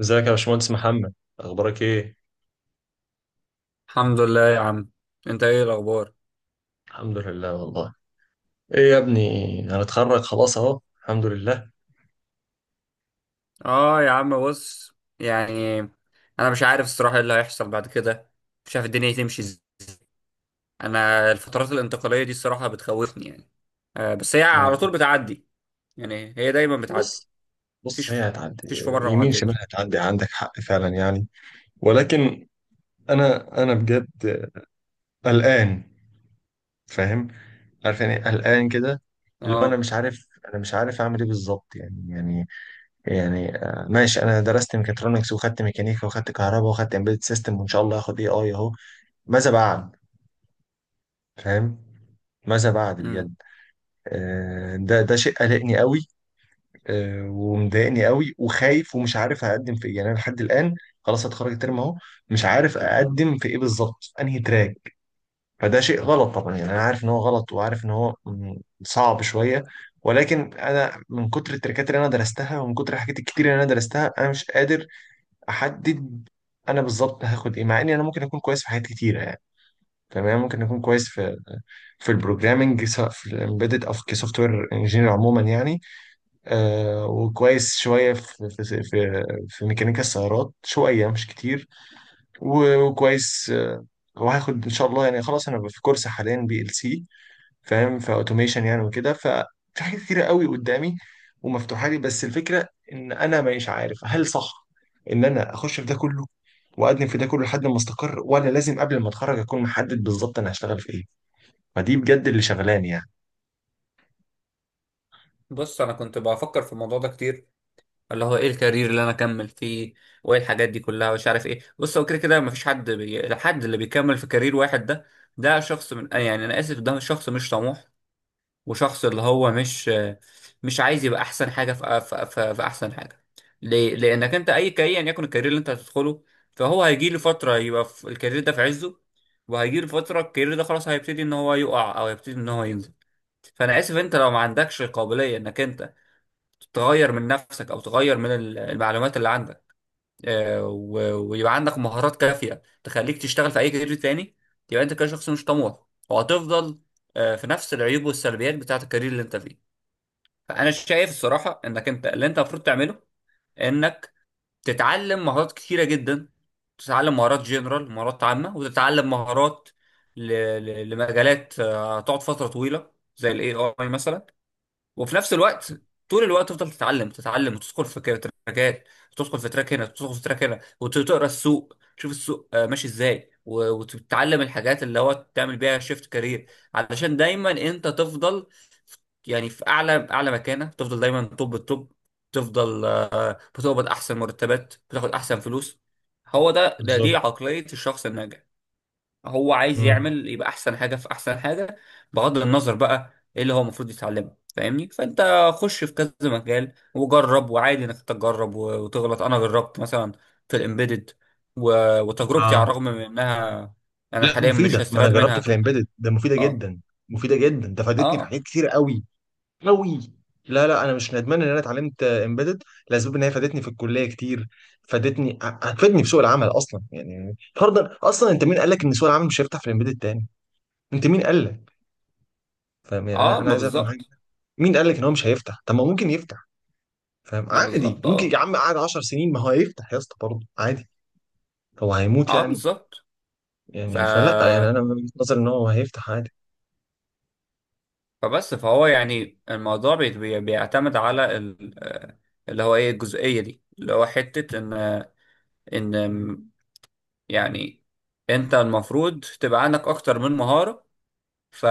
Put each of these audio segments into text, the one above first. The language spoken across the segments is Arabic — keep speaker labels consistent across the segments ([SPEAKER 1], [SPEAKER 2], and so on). [SPEAKER 1] ازيك يا باشمهندس محمد؟ اخبارك ايه؟
[SPEAKER 2] الحمد لله يا عم. انت ايه الاخبار؟
[SPEAKER 1] الحمد لله والله. ايه يا ابني، هنتخرج خلاص اهو، الحمد لله.
[SPEAKER 2] اه يا عم بص، يعني انا مش عارف الصراحه ايه اللي هيحصل بعد كده. مش عارف الدنيا تمشي ازاي. انا الفترات الانتقاليه دي الصراحه بتخوفني يعني. بس هي على طول
[SPEAKER 1] ما-
[SPEAKER 2] بتعدي. يعني هي دايما بتعدي.
[SPEAKER 1] بص. بص،
[SPEAKER 2] مفيش
[SPEAKER 1] هي هتعدي
[SPEAKER 2] مفيش في مره ما
[SPEAKER 1] يمين شمال.
[SPEAKER 2] عدتش.
[SPEAKER 1] هتعدي، عندك حق فعلا يعني. ولكن انا بجد قلقان. فاهم؟ عارف يعني إيه قلقان كده؟ اللي هو انا
[SPEAKER 2] اه.
[SPEAKER 1] مش عارف، اعمل ايه بالظبط ماشي، انا درست ميكاترونكس وخدت ميكانيكا وخدت كهرباء وخدت امبيدد سيستم وان شاء الله هاخد اي اي اهو. ماذا بعد؟ فاهم؟ ماذا بعد
[SPEAKER 2] امم
[SPEAKER 1] بجد؟ ده شيء قلقني قوي. ومضايقني قوي وخايف ومش عارف اقدم في ايه يعني. انا لحد الان خلاص هتخرج الترم اهو، مش عارف اقدم في ايه بالظبط، انهي تراك. فده شيء غلط طبعا يعني. انا عارف ان هو غلط، وعارف ان هو صعب شويه. ولكن انا من كتر التركات اللي انا درستها ومن كتر الحاجات الكتير اللي انا درستها انا مش قادر احدد انا بالظبط هاخد ايه، مع اني انا ممكن اكون كويس في حاجات كتيره يعني. تمام، ممكن اكون كويس في البروجرامنج، سواء في الامبيدد او في كسوفت وير انجينير عموما يعني. وكويس شوية في ميكانيكا السيارات، شوية مش كتير. وكويس آه. وهاخد إن شاء الله يعني. خلاص، أنا في كورس حاليا بي ال سي، فاهم؟ فأوتوميشن يعني وكده، ففي حاجات كتيرة قوي قدامي ومفتوحة لي. بس الفكرة إن أنا مش عارف هل صح إن أنا أخش في ده كله وأقدم في ده كله لحد ما أستقر، ولا لازم قبل ما أتخرج أكون محدد بالظبط أنا هشتغل في إيه. فدي بجد اللي شغلاني يعني.
[SPEAKER 2] بص انا كنت بفكر في الموضوع ده كتير، اللي هو ايه الكارير اللي انا اكمل فيه، وايه الحاجات دي كلها، ومش عارف ايه. بص، هو كده كده مفيش حد الحد اللي بيكمل في كارير واحد ده، ده شخص من آه يعني انا اسف، ده شخص مش طموح، وشخص اللي هو مش عايز يبقى احسن حاجه في احسن حاجه. ليه؟ لانك انت اي كاي يعني يكن الكارير اللي انت هتدخله، فهو هيجي له فتره يبقى في الكارير ده في عزه، وهيجي له فتره الكارير ده خلاص هيبتدي ان هو يقع او هيبتدي ان هو ينزل. فانا اسف، انت لو ما عندكش قابليه انك انت تغير من نفسك او تغير من المعلومات اللي عندك، آه، و- ويبقى عندك مهارات كافيه تخليك تشتغل في اي كارير تاني، يبقى انت كده شخص مش طموح. وهتفضل في نفس العيوب والسلبيات بتاعت الكارير اللي انت فيه. فانا شايف الصراحه انك انت اللي انت المفروض تعمله، انك تتعلم مهارات كتيره جدا. تتعلم مهارات جنرال، مهارات عامه، وتتعلم مهارات ل- ل- لمجالات هتقعد فتره طويله زي الاي اي مثلا. وفي نفس الوقت طول الوقت تفضل تتعلم تتعلم، وتدخل في كده تراكات، وتدخل في تراك هنا، وتدخل في تراك هنا، وتقرا السوق، تشوف السوق ماشي ازاي، و- وتتعلم الحاجات اللي هو تعمل بيها شيفت كارير. علشان دايما انت تفضل يعني في اعلى اعلى مكانه، تفضل دايما توب التوب، تفضل بتقبض احسن مرتبات، بتاخد احسن فلوس. هو ده، ده
[SPEAKER 1] بالظبط.
[SPEAKER 2] دي عقلية الشخص الناجح. هو عايز يعمل يبقى احسن حاجه في احسن حاجه، بغض النظر بقى ايه اللي هو المفروض يتعلمه. فاهمني؟ فانت خش في كذا مجال وجرب، وعادي انك تجرب و- وتغلط. انا جربت مثلا في الامبيدد، وتجربتي على
[SPEAKER 1] مم.
[SPEAKER 2] الرغم من انها انا
[SPEAKER 1] لا،
[SPEAKER 2] حاليا مش
[SPEAKER 1] مفيده، ما انا
[SPEAKER 2] هستفاد
[SPEAKER 1] جربت
[SPEAKER 2] منها
[SPEAKER 1] في الامبيدد ده مفيده
[SPEAKER 2] اه.
[SPEAKER 1] جدا. مفيده جدا، ده فادتني في
[SPEAKER 2] اه
[SPEAKER 1] حاجات كتير قوي، قوي. لا لا، انا مش ندمان ان انا اتعلمت امبيدد، لاسباب ان هي فادتني في الكليه كتير. فادتني، هتفيدني في سوق العمل اصلا يعني. فرضا اصلا انت مين قال لك ان سوق العمل مش هيفتح في الامبيدد تاني؟ انت مين قال لك؟ فاهم يعني؟ انا
[SPEAKER 2] اه.
[SPEAKER 1] انا
[SPEAKER 2] ما
[SPEAKER 1] عايز افهم حاجه.
[SPEAKER 2] بالظبط.
[SPEAKER 1] مين قال لك ان هو مش هيفتح؟ طب ما هو ممكن يفتح. فاهم؟
[SPEAKER 2] ما
[SPEAKER 1] عادي،
[SPEAKER 2] بالظبط.
[SPEAKER 1] ممكن يا
[SPEAKER 2] اه
[SPEAKER 1] عم قعد 10 سنين، ما هو هيفتح يا اسطى برضه عادي. هو هيموت
[SPEAKER 2] اه،
[SPEAKER 1] يعني؟
[SPEAKER 2] بالظبط. ف
[SPEAKER 1] يعني فلا، يعني انا من وجهة نظري ان هو هيفتح عادي.
[SPEAKER 2] فبس فهو يعني الموضوع بيعتمد على اللي هو ايه الجزئيه دي، اللي هو حته ان م- يعني انت المفروض تبقى عندك اكتر من مهارة. ف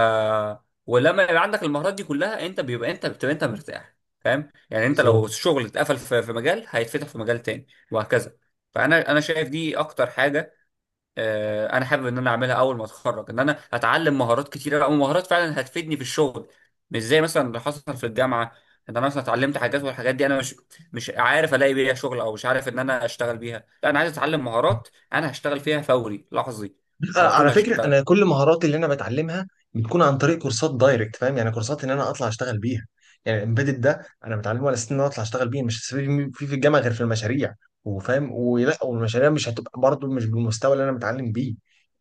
[SPEAKER 2] ولما يبقى عندك المهارات دي كلها، انت بتبقى انت مرتاح. فاهم؟ يعني انت لو
[SPEAKER 1] بالظبط.
[SPEAKER 2] الشغل اتقفل في مجال هيتفتح في مجال تاني، وهكذا. فانا شايف دي اكتر حاجة انا حابب ان انا اعملها اول ما اتخرج، ان انا اتعلم مهارات كتيره بقى، ومهارات فعلا هتفيدني في الشغل، مش زي مثلا اللي حصل في الجامعه ان انا مثلا اتعلمت حاجات والحاجات دي انا مش عارف الاقي بيها شغل، او مش عارف ان انا اشتغل بيها. لا، انا عايز اتعلم مهارات انا هشتغل فيها فوري لحظي، على
[SPEAKER 1] على
[SPEAKER 2] طول
[SPEAKER 1] فكرة
[SPEAKER 2] هشتغل.
[SPEAKER 1] أنا كل مهاراتي اللي أنا بتعلمها بتكون عن طريق كورسات دايركت، فاهم يعني؟ كورسات إن أنا أطلع أشتغل بيها يعني. الإمبيدد ده أنا بتعلمه على أساس إن أنا أطلع أشتغل بيه، مش هستفيد فيه في الجامعة غير في المشاريع. وفاهم ولا؟ والمشاريع مش هتبقى برضه مش بالمستوى اللي أنا متعلم بيه.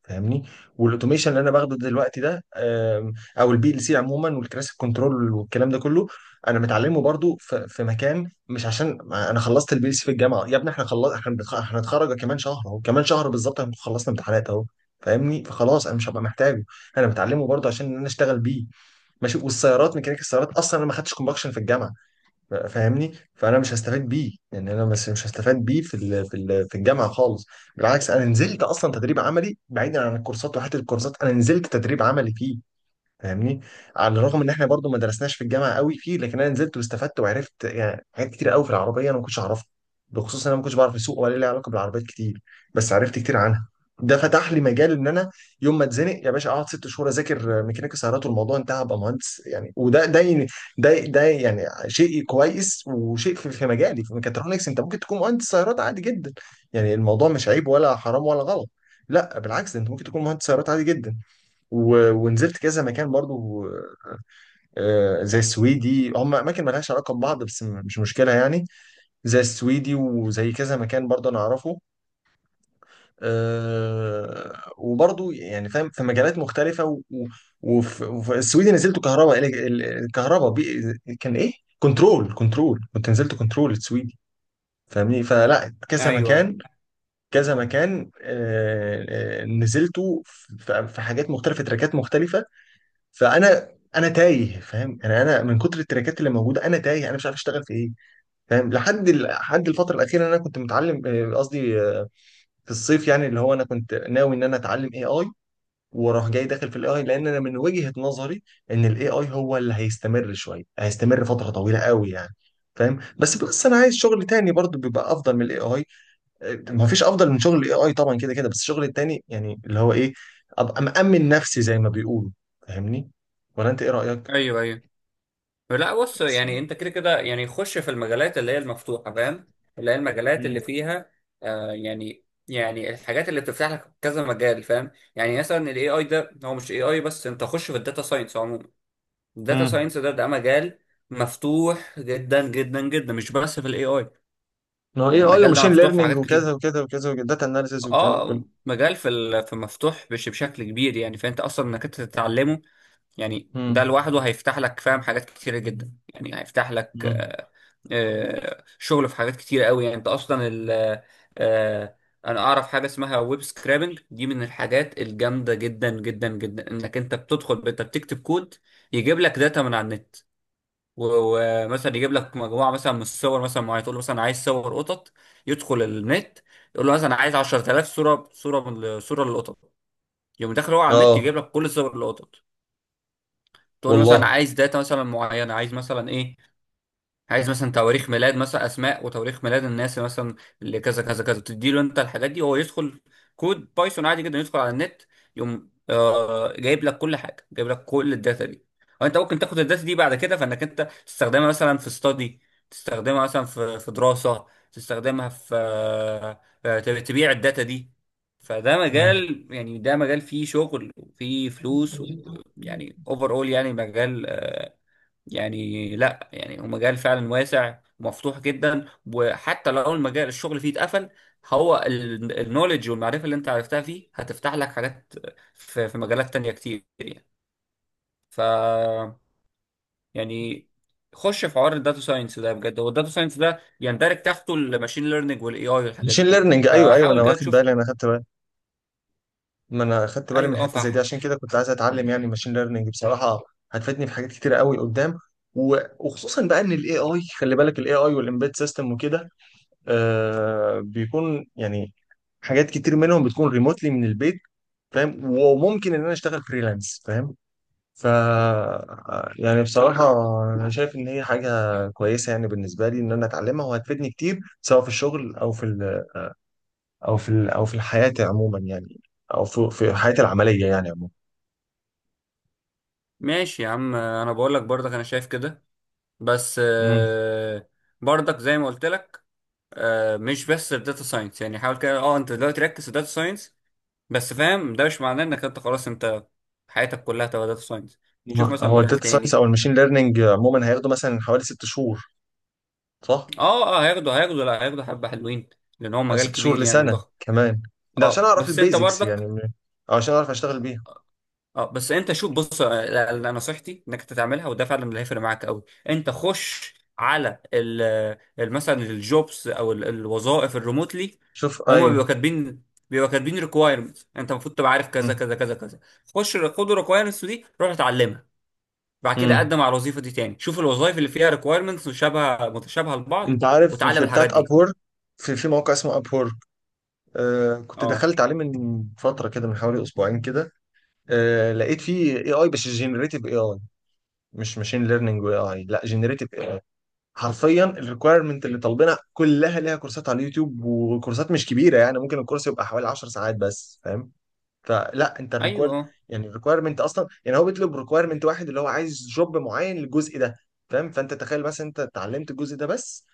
[SPEAKER 1] فاهمني؟ والأوتوميشن اللي أنا باخده دلوقتي ده أو البي ال سي عموما والكلاسيك كنترول والكلام ده كله، أنا متعلمه برضه في مكان، مش عشان أنا خلصت البي ال سي في الجامعة. يا ابني إحنا خلص، إحنا هنتخرج كمان شهر أهو، كمان شهر بالظبط هنكون خلصنا امتحانات أهو. فاهمني؟ فخلاص انا مش هبقى محتاجه، انا بتعلمه برضه عشان ان انا اشتغل بيه. ماشي. والسيارات، ميكانيكا السيارات اصلا انا ما خدتش كومباكشن في الجامعه. فاهمني؟ فانا مش هستفاد بيه يعني. انا بس مش هستفاد بيه في الجامعه خالص. بالعكس، انا نزلت اصلا تدريب عملي بعيدا عن الكورسات، وحته الكورسات انا نزلت تدريب عملي فيه. فاهمني؟ على الرغم ان احنا برضو ما درسناش في الجامعه قوي فيه، لكن انا نزلت واستفدت وعرفت يعني حاجات كتير قوي في العربيه انا ما كنتش اعرفها. بخصوص ان انا ما كنتش بعرف اسوق ولا لي علاقه بالعربيات كتير، بس عرفت كتير عنها. ده فتح لي مجال ان انا يوم ما اتزنق يا باشا اقعد 6 شهور اذاكر ميكانيكا سيارات والموضوع انتهى، ابقى مهندس يعني. وده ده ده ده يعني شيء كويس، وشيء في, في مجالي. في ميكاترونكس انت ممكن تكون مهندس سيارات عادي جدا يعني. الموضوع مش عيب ولا حرام ولا غلط، لا بالعكس. ده انت ممكن تكون مهندس سيارات عادي جدا. ونزلت كذا مكان برضو. آه، زي السويدي، هم اماكن ملهاش علاقه ببعض بس مش مشكله يعني. زي السويدي وزي كذا مكان برضو انا اعرفه. وبرضو يعني فاهم في مجالات مختلفه وفي السويدي نزلت كهرباء، الكهرباء كان ايه؟ كنترول. كنترول. كنت نزلت كنترول السويدي. فاهمني؟ فلا، كذا
[SPEAKER 2] ايوه ايوه.
[SPEAKER 1] مكان، كذا مكان، نزلته في حاجات مختلفه، تراكات مختلفه. فانا تايه. فاهم يعني؟ انا من كتر التراكات اللي موجوده انا تايه، انا مش عارف اشتغل في ايه. فاهم؟ لحد الفتره الاخيره انا كنت متعلم آه، قصدي آه، في الصيف يعني، اللي هو انا كنت ناوي ان انا اتعلم اي اي، واروح جاي داخل في الاي اي، لان انا من وجهه نظري ان الاي اي هو اللي هيستمر شويه، هيستمر فتره طويله قوي يعني. فاهم؟ بس انا عايز شغل تاني برضو بيبقى افضل من الاي اي. ما فيش افضل من شغل الاي اي طبعا، كده كده. بس الشغل التاني يعني اللي هو ايه؟ ابقى مأمن نفسي زي ما بيقولوا. فاهمني؟ ولا انت ايه رأيك؟
[SPEAKER 2] ايوه ايوه. لا بص، يعني انت كده كده يعني خش في المجالات اللي هي المفتوحه. فاهم؟ اللي هي المجالات
[SPEAKER 1] مم.
[SPEAKER 2] اللي فيها يعني الحاجات اللي بتفتح لك كذا مجال. فاهم؟ يعني مثلا الاي اي ده، هو مش اي اي بس، انت خش في الداتا ساينس عموما. الداتا
[SPEAKER 1] مم.
[SPEAKER 2] ساينس ده مجال مفتوح جدا جدا جدا، مش بس في الاي اي.
[SPEAKER 1] ما هو اي
[SPEAKER 2] يعني
[SPEAKER 1] اي
[SPEAKER 2] المجال ده
[SPEAKER 1] وماشين
[SPEAKER 2] مفتوح في
[SPEAKER 1] ليرنينج
[SPEAKER 2] حاجات
[SPEAKER 1] وكذا
[SPEAKER 2] كتير.
[SPEAKER 1] وكذا وكذا وداتا اناليسيز والكلام ده كله.
[SPEAKER 2] اه، مجال في ال- في مفتوح بشكل كبير يعني. فانت اصلا انك انت تتعلمه يعني ده
[SPEAKER 1] مم.
[SPEAKER 2] لوحده هيفتح لك، فاهم، حاجات كتيرة جدا. يعني هيفتح لك
[SPEAKER 1] مم.
[SPEAKER 2] شغل في حاجات كتيرة قوي يعني. انت اصلا ال آه، آه، انا اعرف حاجة اسمها ويب سكرابنج، دي من الحاجات الجامدة جدا جدا جدا. انك انت بتدخل انت بتكتب كود يجيب لك داتا من على النت، و- ومثلا يجيب لك مجموعة مثلا من الصور مثلا معينة. تقول له مثلا عايز صور قطط، يدخل النت. يقول له مثلا عايز 10000 صورة للقطط، يقوم داخل هو على النت
[SPEAKER 1] اه
[SPEAKER 2] يجيب لك كل صور القطط. تقول له مثلا
[SPEAKER 1] والله.
[SPEAKER 2] عايز داتا مثلا معينه، عايز مثلا ايه، عايز مثلا تواريخ ميلاد، مثلا اسماء وتواريخ ميلاد الناس مثلا اللي كذا كذا كذا. بتدي له انت الحاجات دي، هو يدخل كود بايثون عادي جدا، يدخل على النت، يقوم جايب لك كل حاجه، جايب لك كل الداتا دي. وانت ممكن تاخد الداتا دي بعد كده، فانك انت تستخدمها مثلا في ستادي، تستخدمها مثلا في دراسه، تستخدمها في تبيع الداتا دي. فده
[SPEAKER 1] مم.
[SPEAKER 2] مجال، يعني ده مجال فيه شغل وفيه فلوس. ويعني اوفر اول، يعني مجال يعني لا، يعني هو مجال فعلا واسع ومفتوح جدا. وحتى لو المجال الشغل فيه اتقفل، هو النولج والمعرفة اللي انت عرفتها فيه هتفتح لك حاجات في مجالات تانية كتير يعني. ف يعني خش في حوار الداتا ساينس ده بجد. هو الداتا ساينس ده يندرج تحته الماشين ليرنينج والاي اي والحاجات
[SPEAKER 1] ماشين
[SPEAKER 2] دي كلها،
[SPEAKER 1] ليرنينج، ايوه، ايوه، انا
[SPEAKER 2] فحاول كده
[SPEAKER 1] واخد
[SPEAKER 2] تشوف.
[SPEAKER 1] بالي، انا اخدت بالي. ما انا اخدت بالي من
[SPEAKER 2] ايوه اه.
[SPEAKER 1] حته زي دي، عشان كده كنت عايز اتعلم يعني ماشين ليرنينج بصراحه. هتفيدني في حاجات كتير قوي قدام. و- وخصوصا بقى ان الاي اي، خلي بالك، الاي اي والامبيد سيستم وكده آه بيكون يعني حاجات كتير منهم بتكون ريموتلي من البيت. فاهم؟ وممكن ان انا اشتغل فريلانس. فاهم؟ ف يعني بصراحه انا شايف ان هي حاجه كويسه يعني بالنسبه لي ان انا اتعلمها، وهتفيدني كتير سواء في الشغل او في ال... او في ال... او في الحياه عموما يعني. او في حياتي العمليه يعني عموما.
[SPEAKER 2] ماشي يا عم، انا بقول لك برضك انا شايف كده. بس
[SPEAKER 1] مم.
[SPEAKER 2] برضك زي ما قلت لك مش بس في داتا ساينس يعني. حاول كده انت دلوقتي ركز في داتا ساينس بس، فاهم؟ ده مش معناه انك انت خلاص انت حياتك كلها تبقى داتا ساينس. تشوف مثلا
[SPEAKER 1] هو
[SPEAKER 2] مجال
[SPEAKER 1] الداتا ساينس
[SPEAKER 2] تاني.
[SPEAKER 1] او الماشين ليرنينج عموما هياخدوا مثلا حوالي 6 شهور، صح؟
[SPEAKER 2] اه اه، هياخدوا لا، هياخدوا حبة حلوين، لان هو
[SPEAKER 1] أو
[SPEAKER 2] مجال
[SPEAKER 1] 6 شهور
[SPEAKER 2] كبير يعني
[SPEAKER 1] لسنه
[SPEAKER 2] وضخم.
[SPEAKER 1] كمان، ده عشان
[SPEAKER 2] اه
[SPEAKER 1] اعرف
[SPEAKER 2] بس انت
[SPEAKER 1] البيزكس يعني،
[SPEAKER 2] برضك.
[SPEAKER 1] أو عشان اعرف اشتغل بيها.
[SPEAKER 2] اه بس انت شوف بص لا، نصيحتي انك أنت تعملها، وده فعلا اللي هيفرق معاك قوي. انت خش على مثلا الجوبس او الوظائف الريموتلي.
[SPEAKER 1] شوف،
[SPEAKER 2] هما
[SPEAKER 1] ايوه.
[SPEAKER 2] بيبقوا كاتبين، بيبقوا كاتبين ريكوايرمنت، انت المفروض تبقى عارف كذا
[SPEAKER 1] مم.
[SPEAKER 2] كذا كذا كذا. خش، خد الريكوايرمنتس دي، روح اتعلمها. بعد كده
[SPEAKER 1] مم.
[SPEAKER 2] قدم على الوظيفه دي تاني، شوف الوظائف اللي فيها ريكوايرمنتس مشابهه متشابهه لبعض،
[SPEAKER 1] انت عارف
[SPEAKER 2] وتعلم
[SPEAKER 1] في
[SPEAKER 2] الحاجات
[SPEAKER 1] بتاعت
[SPEAKER 2] دي.
[SPEAKER 1] ابور؟ في موقع اسمه ابور. آه كنت
[SPEAKER 2] اه.
[SPEAKER 1] دخلت عليه من فتره كده، من حوالي اسبوعين كده. آه، لقيت فيه اي اي، بس جنريتيف اي اي، مش ماشين ليرنينج واي اي، لا، جنريتيف اي اي. حرفيا الريكويرمنت اللي طالبينها كلها ليها كورسات على اليوتيوب، وكورسات مش كبيره يعني. ممكن الكورس يبقى حوالي 10 ساعات بس. فاهم؟ فلا انت الريكوير
[SPEAKER 2] ايوه
[SPEAKER 1] يعني الريكويرمنت اصلا يعني هو بيطلب ريكويرمنت واحد اللي هو عايز جوب معين للجزء ده. فاهم؟ فانت تخيل مثلا انت اتعلمت الجزء ده بس،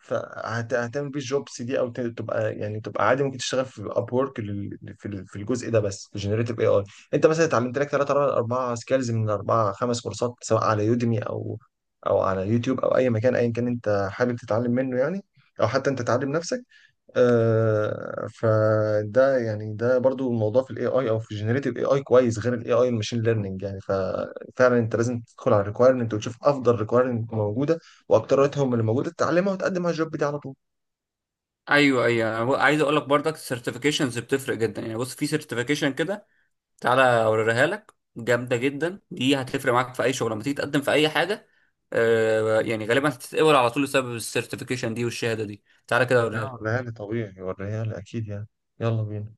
[SPEAKER 1] فهتعمل بيه الجوبس دي او تبقى يعني تبقى عادي. ممكن تشتغل في اب وورك في الجزء ده بس، في جنريتيف اي اي. انت مثلا اتعلمت لك ثلاثة اربع سكيلز من اربع خمس كورسات، سواء على يوديمي او على يوتيوب او اي مكان ايا كان انت حابب تتعلم منه يعني، او حتى انت تعلم نفسك. آه فده يعني ده برضو الموضوع في الاي اي او في جنريتيف اي اي كويس، غير الاي اي الماشين ليرنينج يعني. ففعلا انت لازم تدخل على الريكوايرمنت وتشوف افضل ريكوايرمنت موجوده، واكترتهم اللي موجوده تتعلمها وتقدم على الجوب دي على طول.
[SPEAKER 2] ايوه ايوه. عايز اقول لك برضك السيرتيفيكيشنز بتفرق جدا يعني. بص، في سيرتيفيكيشن كده، تعالى اوريها لك، جامده جدا دي، هتفرق معاك في اي شغل لما تيجي تقدم في اي حاجه. يعني غالبا هتتقبل على طول بسبب السيرتيفيكيشن دي والشهاده دي. تعالى كده اوريها
[SPEAKER 1] لا،
[SPEAKER 2] لك.
[SPEAKER 1] وريها لي طبيعي، وريها لي اكيد يعني. يلا بينا.